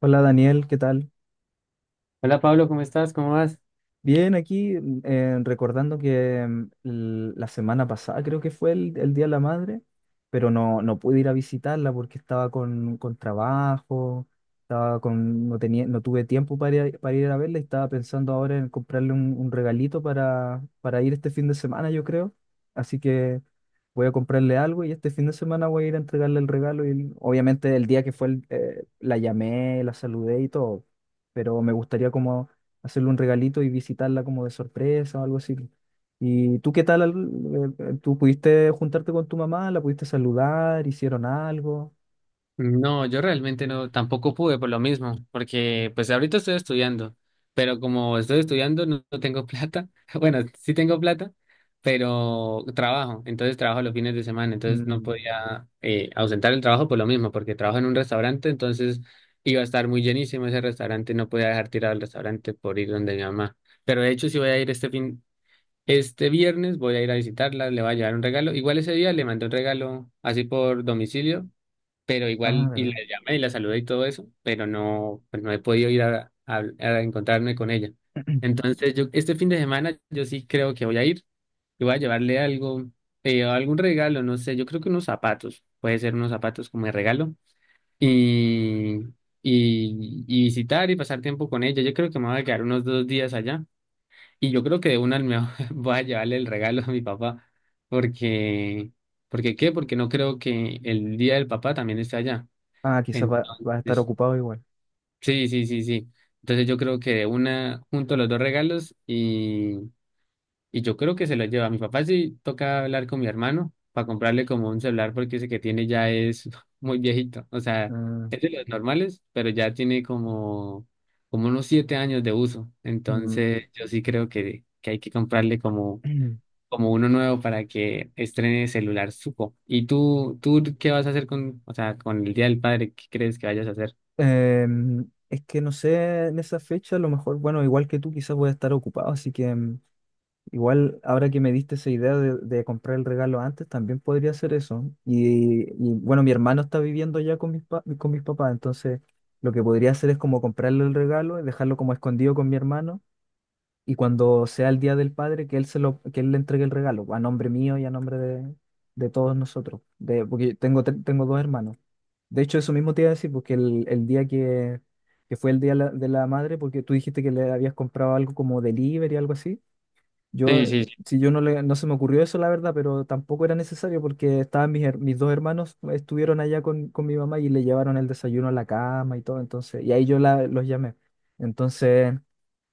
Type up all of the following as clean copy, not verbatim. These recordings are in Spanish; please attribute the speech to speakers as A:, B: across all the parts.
A: Hola Daniel, ¿qué tal?
B: Hola Pablo, ¿cómo estás? ¿Cómo vas?
A: Bien, aquí recordando que la semana pasada creo que fue el Día de la Madre, pero no, no pude ir a visitarla porque estaba con trabajo, estaba con, no tenía, no tuve tiempo para ir a verla y estaba pensando ahora en comprarle un regalito para ir este fin de semana, yo creo. Así que voy a comprarle algo y este fin de semana voy a ir a entregarle el regalo. Y obviamente el día que fue, la llamé, la saludé y todo, pero me gustaría como hacerle un regalito y visitarla como de sorpresa o algo así. ¿Y tú qué tal? ¿Tú pudiste juntarte con tu mamá? ¿La pudiste saludar? ¿Hicieron algo?
B: No, yo realmente no, tampoco pude por lo mismo, porque pues ahorita estoy estudiando, pero como estoy estudiando no tengo plata, bueno, sí tengo plata, pero trabajo, entonces trabajo los fines de semana, entonces no
A: Mm.
B: podía ausentar el trabajo por lo mismo, porque trabajo en un restaurante, entonces iba a estar muy llenísimo ese restaurante, no podía dejar tirado el restaurante por ir donde mi mamá, pero de hecho sí voy a ir este fin. Este viernes voy a ir a visitarla, le voy a llevar un regalo. Igual ese día le mandé un regalo así por domicilio, pero
A: Ah,
B: igual y
A: ¿verdad?
B: la llamé y la saludé y todo eso, pero no, pues no he podido ir a encontrarme con ella. Entonces yo este fin de semana yo sí creo que voy a ir y voy a llevarle algo, algún regalo, no sé, yo creo que unos zapatos, puede ser unos zapatos como de regalo y, y visitar y pasar tiempo con ella. Yo creo que me voy a quedar unos 2 días allá. Y yo creo que de una me voy a llevarle el regalo a mi papá, porque, porque ¿qué? Porque no creo que el día del papá también esté allá.
A: Ah, quizás va a estar
B: Entonces,
A: ocupado igual.
B: sí, sí, sí, sí. Entonces yo creo que de una junto los dos regalos y yo creo que se lo lleva. A mi papá sí toca hablar con mi hermano para comprarle como un celular porque ese que tiene ya es muy viejito. O sea,
A: Ah,
B: es de los normales, pero ya tiene como, unos 7 años de uso.
A: mm.
B: Entonces yo sí creo que hay que comprarle como como uno nuevo para que estrene celular Suco. ¿Y tú qué vas a hacer con, o sea, con el Día del Padre? ¿Qué crees que vayas a hacer?
A: Es que no sé, en esa fecha, a lo mejor, bueno, igual que tú, quizás voy a estar ocupado, así que... Igual, ahora que me diste esa idea de comprar el regalo antes, también podría hacer eso. Bueno, mi hermano está viviendo ya con con mis papás, entonces lo que podría hacer es como comprarle el regalo y dejarlo como escondido con mi hermano. Y cuando sea el día del padre, que él se lo, que él le entregue el regalo, a nombre mío y a nombre de todos nosotros. De, porque tengo dos hermanos. De hecho, eso mismo te iba a decir, porque el día que fue el día de la madre, porque tú dijiste que le habías comprado algo como delivery, algo así.
B: Sí,
A: Yo,
B: sí, sí.
A: si yo no le, no se me ocurrió eso, la verdad, pero tampoco era necesario porque estaban mis dos hermanos, estuvieron allá con mi mamá y le llevaron el desayuno a la cama y todo, entonces, y ahí yo la, los llamé. Entonces,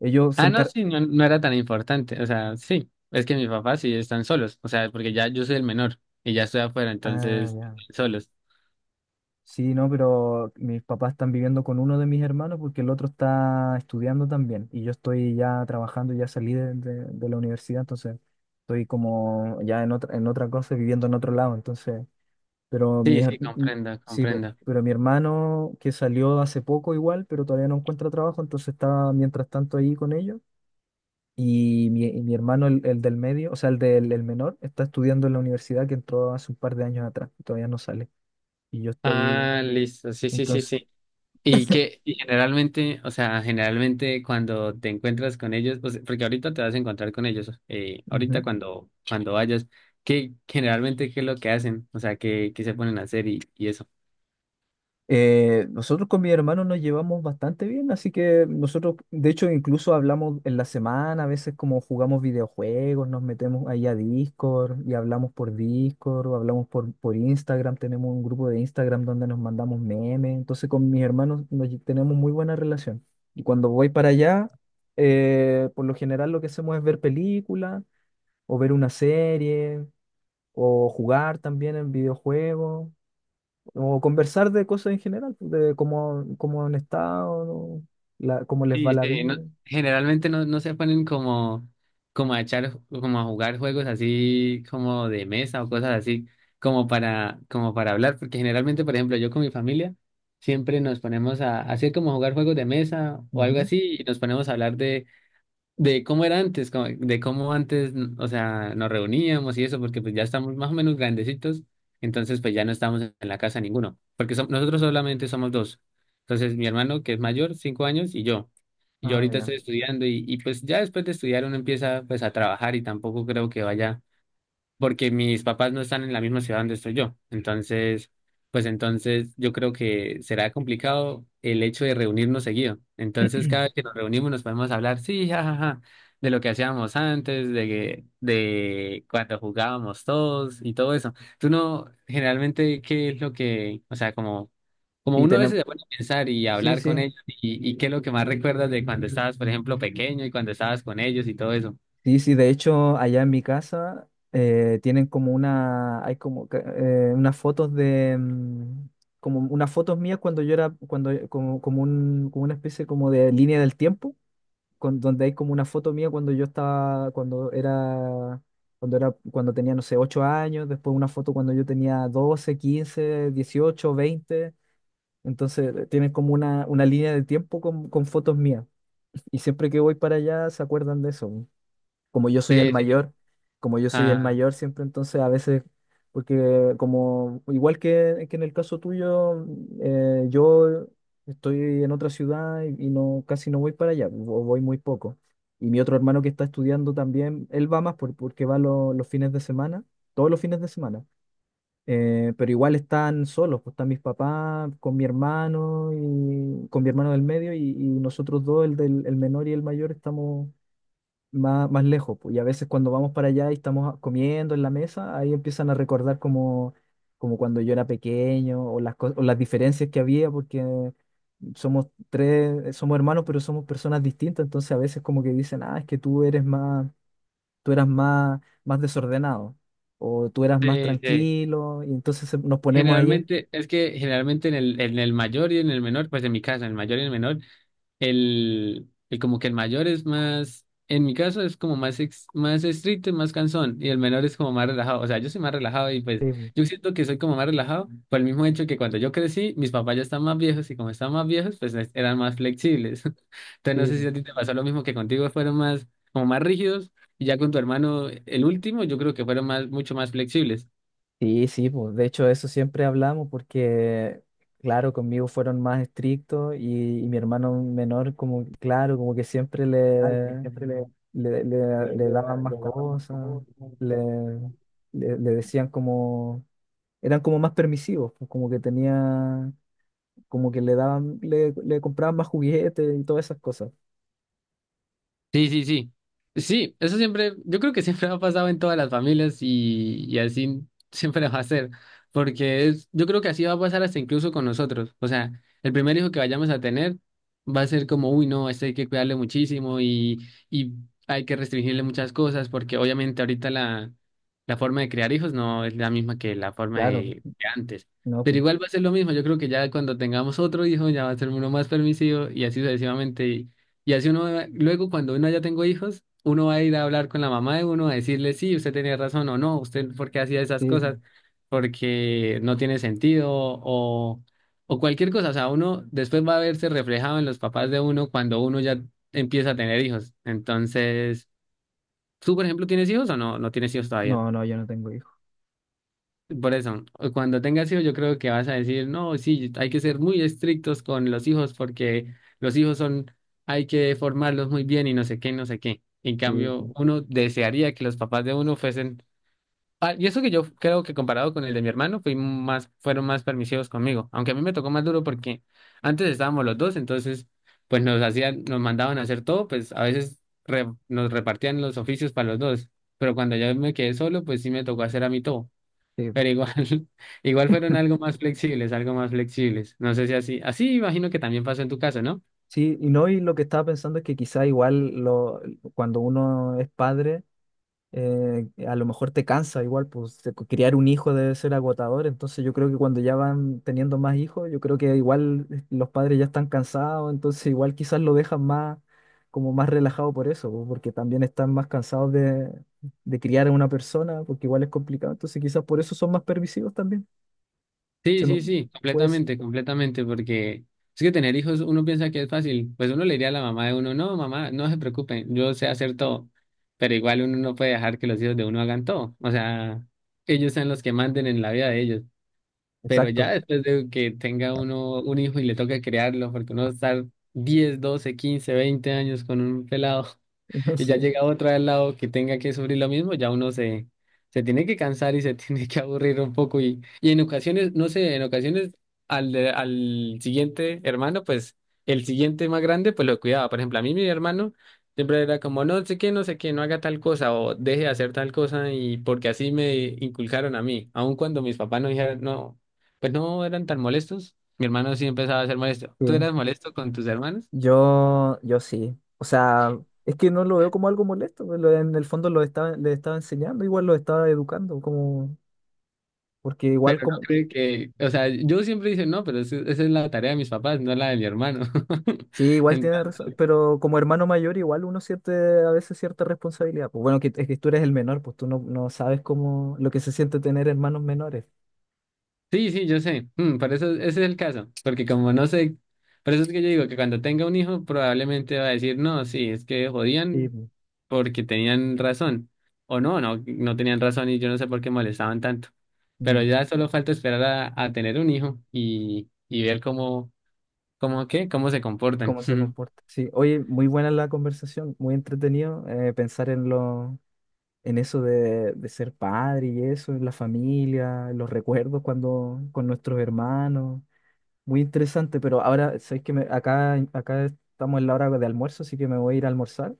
A: ellos se
B: Ah, no,
A: encar...
B: sí, no era tan importante. O sea, sí, es que mis papás sí están solos. O sea, porque ya yo soy el menor y ya estoy afuera,
A: Ah,
B: entonces
A: ya.
B: solos.
A: Sí, no, pero mis papás están viviendo con uno de mis hermanos porque el otro está estudiando también y yo estoy ya trabajando, ya salí de la universidad, entonces estoy como ya en otra cosa, viviendo en otro lado, entonces... Pero
B: Sí, sí, comprendo,
A: sí,
B: comprendo.
A: pero mi hermano que salió hace poco igual, pero todavía no encuentra trabajo, entonces está mientras tanto ahí con ellos. Y mi hermano, el del medio, o sea, el del el menor, está estudiando en la universidad que entró hace un par de años atrás, y todavía no sale. Y yo estoy,
B: Ah, listo, sí, sí, sí,
A: entonces,
B: sí. Y generalmente, o sea, generalmente cuando te encuentras con ellos, pues, porque ahorita te vas a encontrar con ellos, ahorita cuando vayas, ¿qué generalmente qué es lo que hacen? O sea, ¿qué se ponen a hacer y eso?
A: Nosotros con mi hermano nos llevamos bastante bien, así que nosotros, de hecho, incluso hablamos en la semana, a veces como jugamos videojuegos, nos metemos ahí a Discord y hablamos por Discord o hablamos por Instagram, tenemos un grupo de Instagram donde nos mandamos memes, entonces con mis hermanos tenemos muy buena relación. Y cuando voy para allá, por lo general lo que hacemos es ver películas o ver una serie o jugar también en videojuegos. O conversar de cosas en general, pues, de cómo, cómo han estado, ¿no? La- cómo les va
B: Sí,
A: la
B: sí,
A: vida.
B: generalmente no se ponen como, como a echar, como a jugar juegos así como de mesa o cosas así, como para hablar, porque generalmente, por ejemplo, yo con mi familia siempre nos ponemos a hacer como jugar juegos de mesa o algo
A: Ujú.
B: así y nos ponemos a hablar de cómo era antes, de cómo antes, o sea, nos reuníamos y eso, porque pues ya estamos más o menos grandecitos, entonces pues ya no estamos en la casa ninguno, porque nosotros solamente somos dos. Entonces mi hermano, que es mayor, 5 años, y yo. Yo
A: Ah,
B: ahorita
A: ya.
B: estoy estudiando y pues ya después de estudiar uno empieza pues a trabajar y tampoco creo que vaya porque mis papás no están en la misma ciudad donde estoy yo. Entonces, pues entonces yo creo que será complicado el hecho de reunirnos seguido. Entonces, cada vez que nos reunimos nos podemos hablar, sí, jajaja, de lo que hacíamos antes, de cuando jugábamos todos y todo eso. Tú no, generalmente, ¿qué es lo que, o sea, como
A: Y
B: uno a veces
A: tenemos.
B: se pone a pensar y
A: Sí,
B: hablar
A: sí.
B: con ellos y qué es lo que más recuerdas de cuando estabas, por ejemplo, pequeño y cuando estabas con ellos y todo eso?
A: Sí, sí. De hecho, allá en mi casa tienen como una. Hay como que, unas fotos de. Como unas fotos mías cuando yo era. Cuando, como, como, un, como una especie como de línea del tiempo. Con, donde hay como una foto mía cuando yo estaba, cuando era, cuando era, cuando tenía, no sé, 8 años, después una foto cuando yo tenía 12 15 18 20. Entonces tienen como una línea de tiempo con fotos mías. Y siempre que voy para allá se acuerdan de eso como yo soy el
B: Sí, sí.
A: mayor, como yo soy el
B: Ah,
A: mayor siempre, entonces a veces, porque como igual que en el caso tuyo, yo estoy en otra ciudad y no casi no voy para allá, o voy muy poco. Y mi otro hermano que está estudiando también, él va más por- porque va lo- los fines de semana, todos los fines de semana. Pero igual están solos, pues están mis papás con mi hermano y con mi hermano del medio y nosotros dos, el del el menor y el mayor, estamos más, más lejos, pues, y a veces cuando vamos para allá y estamos a- comiendo en la mesa, ahí empiezan a recordar como, como cuando yo era pequeño o las, co- o las diferencias que había, porque somos tres, somos hermanos, pero somos personas distintas, entonces a veces como que dicen, ah, es que tú eres más, tú eras más, más desordenado, o tú eras más
B: sí, sí.
A: tranquilo, y entonces se- nos ponemos ahí.
B: Generalmente, es que generalmente en el, mayor y en el menor, pues en mi caso, en el mayor y en el menor, el como que el mayor es más, en mi caso es como más, más estricto y más cansón, y el menor es como más relajado. O sea, yo soy más relajado y pues
A: Sí, pues,
B: yo siento que soy como más relajado por el mismo hecho que cuando yo crecí, mis papás ya están más viejos y como están más viejos, pues eran más flexibles. Entonces
A: sí,
B: no sé si
A: pues.
B: a ti te pasó lo mismo que contigo, fueron más, como más rígidos, y ya con tu hermano, el último, yo creo que fueron más, mucho más flexibles.
A: Sí, sí, pues de hecho eso siempre hablamos porque, claro, conmigo fueron más estrictos y mi hermano menor como, claro, como que siempre le, le,
B: De,
A: le- le
B: de,
A: daban más
B: de la
A: cosas, le, le decían como, eran como más permisivos, pues, como que tenía, como que le daban, le compraban más juguetes y todas esas cosas.
B: Sí, sí, sí. Sí, eso siempre, yo creo que siempre ha pasado en todas las familias y así siempre va a ser, porque es, yo creo que así va a pasar hasta incluso con nosotros. O sea, el primer hijo que vayamos a tener va a ser como, uy, no, este hay que cuidarle muchísimo y hay que restringirle muchas cosas, porque obviamente ahorita la, forma de criar hijos no es la misma que la forma
A: Claro,
B: de antes.
A: no,
B: Pero
A: pues,
B: igual va a ser lo mismo, yo creo que ya cuando tengamos otro hijo ya va a ser uno más permisivo y así sucesivamente y así uno, luego cuando uno ya tengo hijos, uno va a ir a hablar con la mamá de uno, a decirle, sí, usted tenía razón o no, usted por qué hacía esas
A: sí,
B: cosas, porque no tiene sentido o cualquier cosa. O sea, uno después va a verse reflejado en los papás de uno cuando uno ya empieza a tener hijos. Entonces, ¿tú, por ejemplo, tienes hijos o no tienes hijos todavía?
A: no, no, yo no tengo hijos.
B: Por eso, cuando tengas hijos, yo creo que vas a decir, no, sí, hay que ser muy estrictos con los hijos porque los hijos son, hay que formarlos muy bien y no sé qué, no sé qué. En
A: Sí,
B: cambio, uno desearía que los papás de uno fuesen, ah, y eso que yo creo que comparado con el de mi hermano, fui más, fueron más permisivos conmigo, aunque a mí me tocó más duro porque antes estábamos los dos, entonces, pues nos hacían, nos mandaban a hacer todo, pues a veces nos repartían los oficios para los dos, pero cuando yo me quedé solo, pues sí me tocó hacer a mí todo.
A: sí.
B: Pero igual, igual fueron algo más flexibles, algo más flexibles. No sé si así, así imagino que también pasó en tu casa, ¿no?
A: Sí, y no, y lo que estaba pensando es que quizá igual lo, cuando uno es padre, a lo mejor te cansa igual, pues te- criar un hijo debe ser agotador, entonces yo creo que cuando ya van teniendo más hijos, yo creo que igual los padres ya están cansados, entonces igual quizás lo dejan más, como más relajado por eso, pues, porque también están más cansados de criar a una persona, porque igual es complicado, entonces quizás por eso son más permisivos también.
B: Sí,
A: Se me-
B: sí, sí,
A: pues,
B: completamente, completamente, porque es que tener hijos uno piensa que es fácil. Pues uno le diría a la mamá de uno, no, mamá, no se preocupe, yo sé hacer todo. Pero igual uno no puede dejar que los hijos de uno hagan todo. O sea, ellos sean los que manden en la vida de ellos. Pero ya
A: exacto,
B: después de que tenga uno un hijo y le toca criarlo, porque uno va a estar 10 12 15 20 años con un pelado. Y ya
A: sí.
B: llega otra al lado que tenga que sufrir lo mismo, ya uno se, tiene que cansar y se tiene que aburrir un poco. Y en ocasiones, no sé, en ocasiones al siguiente hermano, pues el siguiente más grande, pues lo cuidaba. Por ejemplo, a mí mi hermano siempre era como, no sé qué, no sé qué, no haga tal cosa o deje de hacer tal cosa y porque así me inculcaron a mí, aun cuando mis papás no dijeron, no, pues no eran tan molestos. Mi hermano sí empezaba a ser molesto. ¿Tú
A: Sí.
B: eras molesto con tus hermanos?
A: Yo sí. O sea, es que no lo veo como algo molesto. Pues, en el fondo le estaba enseñando, igual lo estaba educando, como, porque igual como,
B: Sí, que, o sea, yo siempre dije, no, pero esa es la tarea de mis papás, no la de mi hermano.
A: sí, igual tiene
B: Entonces,
A: razón, pero como hermano mayor igual uno siente a veces cierta responsabilidad. Pues bueno, que, es que tú eres el menor, pues tú no, no sabes cómo, lo que se siente tener hermanos menores
B: sí, sí, yo sé. Por eso ese es el caso, porque como no sé, por eso es que yo digo que cuando tenga un hijo probablemente va a decir, no, sí, es que
A: y
B: jodían porque tenían razón, o no, no, no tenían razón y yo no sé por qué molestaban tanto, pero
A: mm,
B: ya solo falta esperar a tener un hijo y ver cómo se comportan.
A: cómo se comporta. Sí, oye, muy buena la conversación, muy entretenido pensar en los en eso de ser padre y eso, en la familia, en los recuerdos cuando con nuestros hermanos. Muy interesante, pero ahora sabes que acá, acá estamos en la hora de almuerzo, así que me voy a ir a almorzar.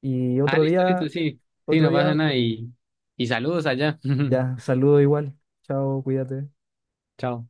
A: Y
B: Ah, listo, listo, sí, sí,
A: otro
B: no pasa
A: día,
B: nada y saludos allá.
A: ya, saludo igual. Chao, cuídate.
B: Chao.